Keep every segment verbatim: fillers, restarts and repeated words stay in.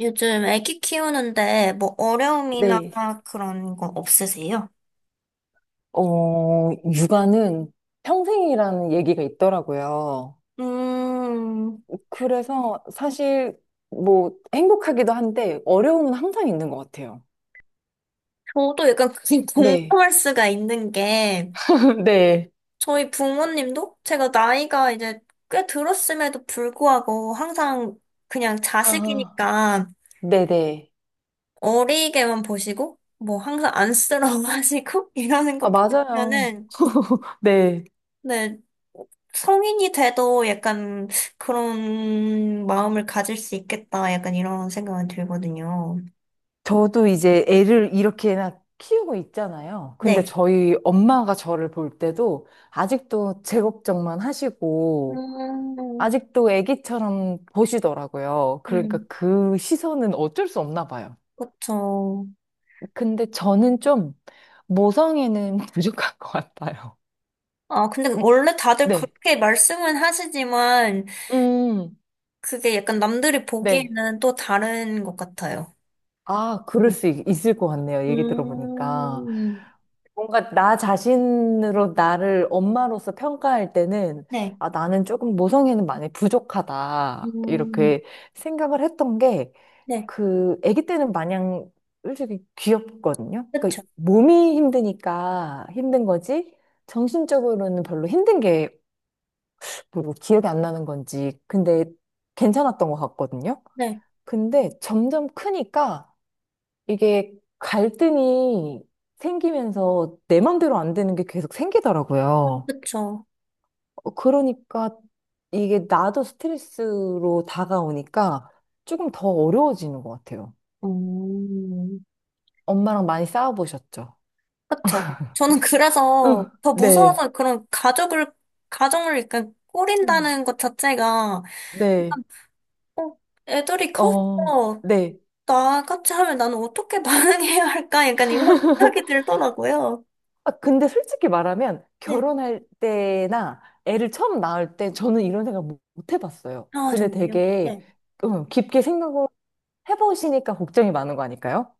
요즘 애기 키우는데 뭐 어려움이나 네. 그런 거 없으세요? 어, 육아는 평생이라는 얘기가 있더라고요. 음, 그래서 사실 뭐 행복하기도 한데 어려움은 항상 있는 것 같아요. 저도 약간 그게 네. 공감할 수가 있는 게 네. 저희 부모님도 제가 나이가 이제 꽤 들었음에도 불구하고 항상 그냥 아, 자식이니까 네네. 어리게만 보시고 뭐 항상 안쓰러워하시고 이러는 아, 거 맞아요. 보면은 네. 네, 성인이 돼도 약간 그런 마음을 가질 수 있겠다. 약간 이런 생각은 들거든요. 저도 이제 애를 이렇게나 키우고 있잖아요. 근데 네. 저희 엄마가 저를 볼 때도 아직도 제 걱정만 하시고, 음, 아직도 애기처럼 보시더라고요. 그러니까 음, 그 시선은 어쩔 수 없나 봐요. 그쵸. 근데 저는 좀 모성애는 부족한 것 같아요. 아, 근데 원래 다들 네. 그렇게 말씀은 하시지만 음, 그게 약간 남들이 네. 보기에는 또 다른 것 같아요. 아, 그럴 네. 수 있- 있을 것 같네요. 얘기 들어보니까. 음, 뭔가 나 자신으로 나를 엄마로서 평가할 때는, 네. 아, 나는 조금 모성애는 많이 부족하다. 음, 이렇게 생각을 했던 게, 네. 그 아기 때는 마냥 솔직히 귀엽거든요. 그쵸. 그러니까 몸이 힘드니까 힘든 거지 정신적으로는 별로 힘든 게 뭐 기억이 안 나는 건지 근데 괜찮았던 것 같거든요. 네. 근데 점점 크니까 이게 갈등이 생기면서 내 맘대로 안 되는 게 계속 어, 생기더라고요. 그쵸. 어, 그러니까 이게 나도 스트레스로 다가오니까 조금 더 어려워지는 것 같아요. 음. 엄마랑 많이 싸워보셨죠? 그쵸. 저는 그래서 응, 더 네, 무서워서 그런 가족을, 가정을 약간 음. 꾸린다는 것 자체가, 네, 약간, 어, 애들이 커서 어, 네. 나같이 하면 나는 어떻게 반응해야 할까? 약간 이런 생각이 들더라고요. 아, 근데 솔직히 말하면 네. 결혼할 때나 애를 처음 낳을 때 저는 이런 생각 못, 못 해봤어요. 아, 근데 정말요? 되게 네. 응, 깊게 생각을 해보시니까 걱정이 많은 거 아닐까요?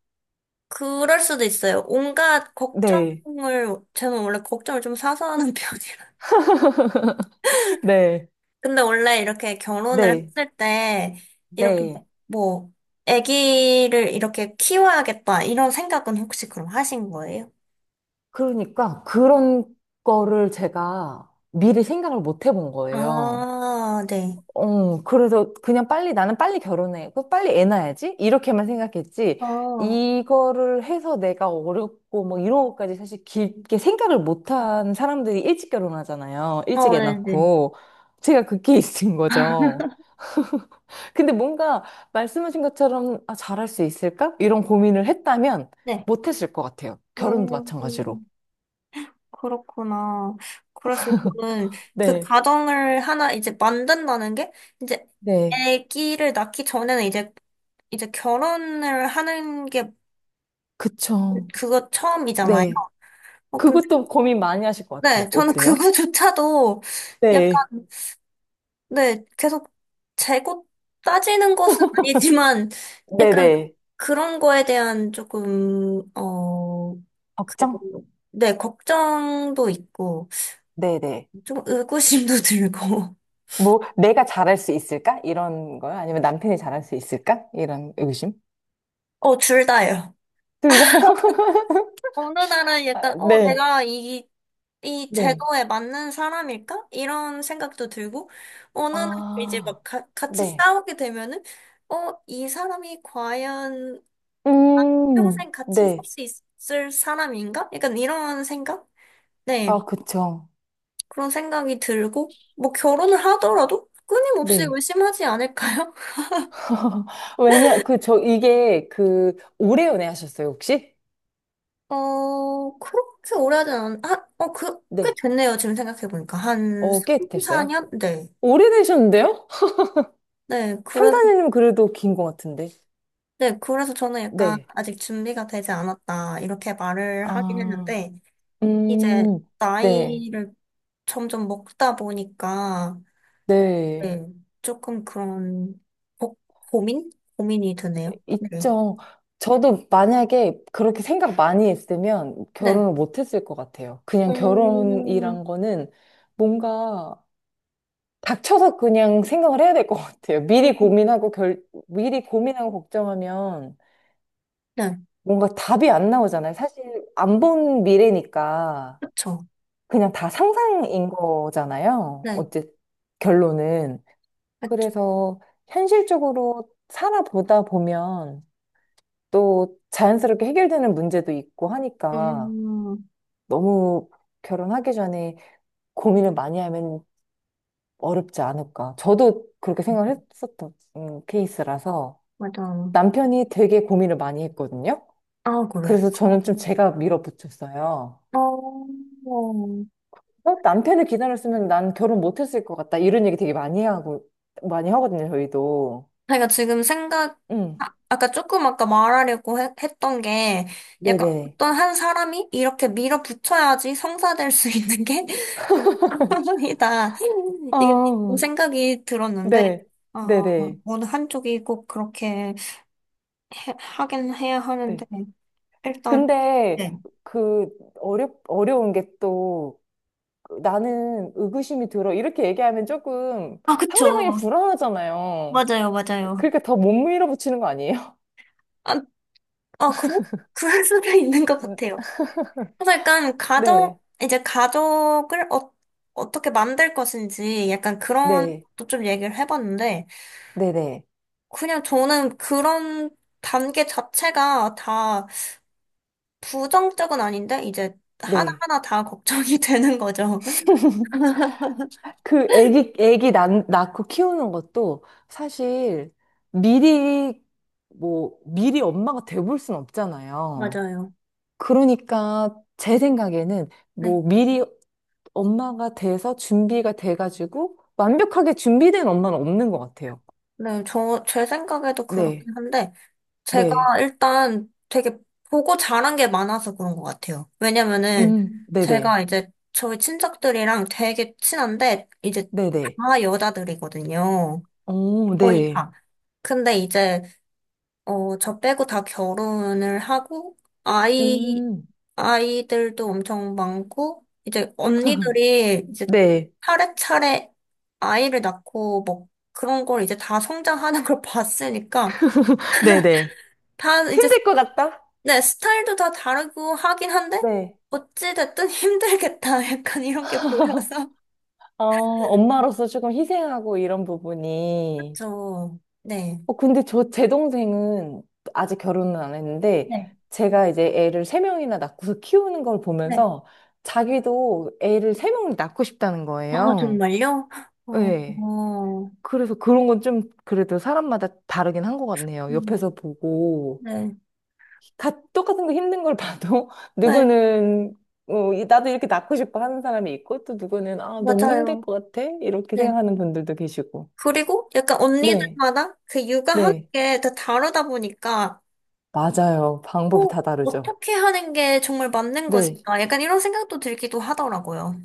그럴 수도 있어요. 온갖 네, 걱정을, 저는 원래 걱정을 좀 사서 하는 편이라. 네, 근데 원래 이렇게 결혼을 네, 했을 때 이렇게 네. 뭐 아기를 이렇게 키워야겠다 이런 생각은 혹시 그럼 하신 거예요? 그러니까 그런 거를 제가 미리 생각을 못 해본 거예요. 아, 네. 어, 그래서 그냥 빨리 나는 빨리 결혼해. 그 빨리 애 낳아야지. 이렇게만 생각했지. 아, 어, 이거를 해서 내가 어렵고 뭐 이런 것까지 사실 깊게 생각을 못한 사람들이 일찍 결혼하잖아요. 일찍 애 네네. 낳고. 제가 그 케이스인 거죠. 근데 뭔가 말씀하신 것처럼 아, 잘할 수 있을까? 이런 고민을 했다면 네. 못했을 것 같아요. 결혼도 마찬가지로. 음, 그렇구나. 그래서 저는 그 네. 가정을 하나 이제 만든다는 게 이제 네. 아기를 낳기 전에는 이제 이제 결혼을 하는 게 그쵸. 그거 처음이잖아요. 네. 어, 그것도 고민 많이 하실 것 같아. 네, 저는 어때요? 그거조차도 약간, 네. 네, 계속 재고 따지는 것은 아니지만, 약간 네네. 그런 거에 대한 조금, 어, 그, 걱정? 네, 걱정도 있고, 네네. 좀 의구심도 들고, 뭐, 내가 잘할 수 있을까? 이런 거요? 아니면 남편이 잘할 수 있을까? 이런 의심? 어, 둘 다예요. 둘 다요? 어느 날은 약간, 아, 어, 네. 내가 이, 이 네. 제도에 맞는 사람일까? 이런 생각도 들고, 어느 날 이제 아, 막 가- 같이 네. 싸우게 되면은, 어, 이 사람이 과연 음, 평생 같이 살 네. 수 있을 사람인가? 약간 이런 생각? 네, 아, 그쵸. 그런 생각이 들고, 뭐 결혼을 하더라도 끊임없이 네. 의심하지 않을까요? 왜냐, 그, 저, 이게, 그, 오래 연애하셨어요, 혹시? 어, 그렇게 오래 하진 않, 아, 어, 그, 꽤 네. 됐네요. 지금 생각해보니까. 한 어, 꽤 삼, 됐어요? 사 년? 네. 오래되셨는데요? 네, 삼, 그래서, 사 년이면 그래도 긴 것 같은데. 네, 그래서 저는 약간 네. 아직 준비가 되지 않았다. 이렇게 말을 하긴 아, 했는데, 이제 음, 네. 나이를 점점 먹다 보니까, 네. 네, 조금 그런 고, 고민? 고민이 드네요. 네. 있죠. 저도 만약에 그렇게 생각 많이 했으면 네. 결혼을 못 했을 것 같아요. 그냥 음, 결혼이란 거는 뭔가 닥쳐서 그냥 생각을 해야 될 것 같아요. 미리 음, 고민하고 결, 미리 고민하고 걱정하면 네. 뭔가 답이 안 나오잖아요. 사실 안 본 미래니까 그쵸. 그냥 다 상상인 거잖아요. 네. 어째 결론은. 그쵸. 그래서 현실적으로 살아보다 보면 또 자연스럽게 해결되는 문제도 있고 하니까 음, 너무 결혼하기 전에 고민을 많이 하면 어렵지 않을까. 저도 그렇게 생각을 했었던 음, 케이스라서 맞아요. 남편이 되게 고민을 많이 했거든요. 아, 그래. 그래서 저는 좀 제가 밀어붙였어요. 어, 어, 어, 남편을 기다렸으면 난 결혼 못했을 것 같다. 이런 얘기 되게 많이 하고, 많이 하거든요, 저희도. 제가 지금 생각, 응. 아, 아까 조금 아까 말하려고 해- 했던 게 약간 네네. 어떤 한 사람이 이렇게 밀어붙여야지 성사될 수 있는 게 이다. 이게 그런 어, 생각이 들었는데, 네. 어, 네네. 어느 한쪽이 꼭 그렇게 해- 하긴 해야 하는데, 네. 일단, 근데 네. 그 어려 어려운 게 또 나는 의구심이 들어 이렇게 얘기하면 조금 아, 상대방이 그쵸. 불안하잖아요. 맞아요, 맞아요. 그러니까 더 못 밀어붙이는 거 아니에요? 아, 아, 그, 그럴 수도 있는 것 같아요. 그래서 약간 네, 가족, 이제 가족을 어, 어떻게 만들 것인지 약간 그런 네, 것도 좀 얘기를 해봤는데, 네, 네, 그냥 저는 그런 단계 자체가 다 부정적은 아닌데, 이제 네. 하나하나 다 걱정이 되는 거죠. 그 애기 애기 낳, 낳고 키우는 것도 사실 미리 뭐 미리 엄마가 돼볼 순 없잖아요. 맞아요. 그러니까 제 생각에는 네. 뭐 미리 엄마가 돼서 준비가 돼가지고 완벽하게 준비된 엄마는 없는 것 같아요. 네, 저, 제 생각에도 네, 그렇긴 한데, 제가 네, 일단 되게 보고 자란 게 많아서 그런 것 같아요. 왜냐면은 음, 네네, 제가 이제 저희 친척들이랑 되게 친한데 이제 네네, 다 여자들이거든요. 오, 거의 네, 다. 근데 이제 어, 저 빼고 다 결혼을 하고 아이 음, 아이들도 엄청 많고 이제 언니들이 이제 네, 차례차례 아이를 낳고 뭐 그런 걸 이제 다 성장하는 걸 봤으니까 네네. 다 이제 힘들 것 같다? 네, 스타일도 다 다르고 하긴 한데, 네. 어찌됐든 힘들겠다. 약간 이런 게 보여서. 어, 엄마로서 조금 희생하고 이런 부분이. 그렇죠. 네. 어, 근데 저, 제 동생은 아직 결혼은 안 했는데, 네. 제가 이제 애를 세 명이나 낳고서 키우는 걸 네. 보면서 자기도 애를 세 명을 낳고 싶다는 아, 거예요. 정말요? 어, 네. 어, 그래서 그런 건 좀 그래도 사람마다 다르긴 한 것 같네요. 음, 옆에서 보고 네. 다 똑같은 거 힘든 걸 봐도 네, 누구는 어, 이- 나도 이렇게 낳고 싶어 하는 사람이 있고 또 누구는 아 너무 힘들 맞아요. 것 같아 이렇게 네. 생각하는 분들도 계시고. 그리고 약간 네, 언니들마다 그 육아하는 네, 게 다 다르다 보니까, 맞아요. 방법이 어, 다 다르죠. 어떻게 하는 게 정말 맞는 네, 것일까? 약간 이런 생각도 들기도 하더라고요.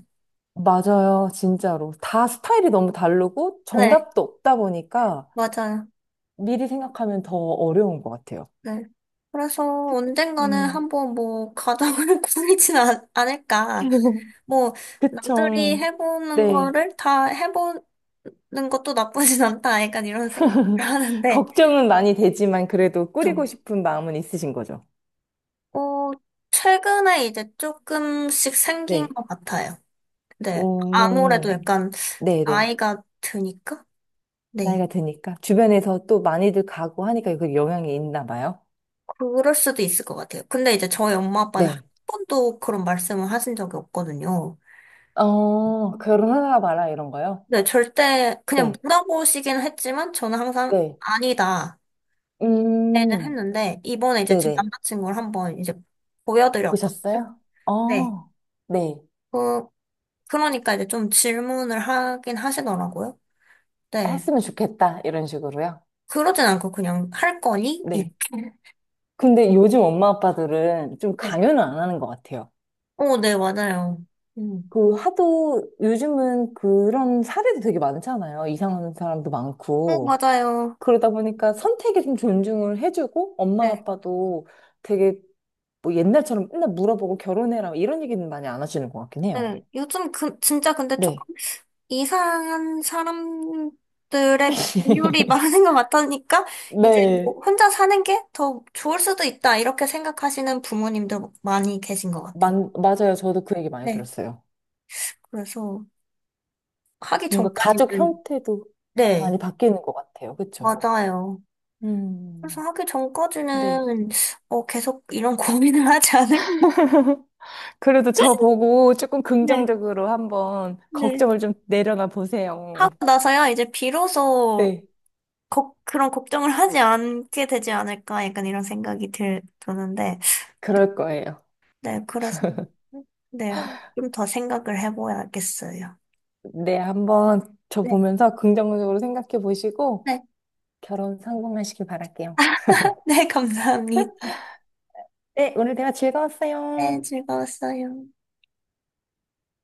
맞아요. 진짜로 다 스타일이 너무 다르고 네, 정답도 없다 보니까 맞아요. 미리 생각하면 더 어려운 것 같아요. 네. 그래서 특- 언젠가는 음, 한번 뭐 가정을 꾸리진 않- 않을까. 뭐 남들이 그쵸. 해보는 네. 거를 다 해보는 것도 나쁘진 않다. 약간 이런 생각을 하는데, 걱정은 많이 되지만 그래도 저, 꾸리고 싶은 마음은 있으신 거죠? 어, 최근에 이제 조금씩 생긴 네, 것 같아요. 네. 아무래도 오, 약간 네, 네, 나이가 드니까? 네. 나이가 드니까. 주변에서 또 많이들 가고 하니까 그 영향이 있나 봐요. 그럴 수도 있을 것 같아요. 근데 이제 저희 엄마 아빠는 한 네. 번도 그런 말씀을 하신 적이 없거든요. 어, 결혼하나 봐라, 이런 거요? 네, 절대 그냥 네. 물어보시긴 했지만 저는 항상 네. 아니다. 는 음, 했는데 이번에 이제 제 네네. 남자친구를 한번 이제 보여드렸거든요. 보셨어요? 네. 어. 네. 그 그러니까 이제 좀 질문을 하긴 하시더라고요. 네. 했으면 좋겠다, 이런 식으로요? 그러진 않고 그냥 할 거니? 네. 이렇게. 근데 요즘 엄마 아빠들은 좀 네. 강요는 안 하는 것 같아요. 오, 네, 맞아요. 음. 그 하도 요즘은 그런 사례도 되게 많잖아요. 이상한 사람도 오, 많고. 맞아요. 그러다 보니까 선택에 좀 존중을 해주고 엄마 네. 아빠도 되게 뭐 옛날처럼 맨날 물어보고 결혼해라 이런 얘기는 많이 안 하시는 것 같긴 해요. 네. 요즘 그 진짜 근데 네. 조금 이상한 사람들의 비율이 많은 것 같으니까 이제 네. 뭐 혼자 사는 게 더 좋을 수도 있다 이렇게 생각하시는 부모님도 많이 계신 것 같아요. 만, 맞아요. 저도 그 얘기 많이 네, 들었어요. 그래서 하기 뭔가 가족 전까지는 형태도 네, 많이 바뀌는 것 같아요. 그쵸? 맞아요. 그래서 음, 하기 네. 전까지는 어, 계속 이런 고민을 하지 않을? 그래도 저 보고 조금 네, 긍정적으로 한번 네. 걱정을 좀 내려놔 보세요. 하고 나서야 이제 비로소 네, 걱- 그런 걱정을 하지 않게 되지 않을까 약간 이런 생각이 들, 드는데 네, 그럴 거예요. 네, 그래서. 네, 좀 더 생각을 해봐야겠어요. 네, 한번 저 네. 보면서 긍정적으로 생각해 보시고 네. 결혼 성공하시길 바랄게요. 네, 감사합니다. 네, 오늘 대화 네, 즐거웠어요. 즐거웠어요.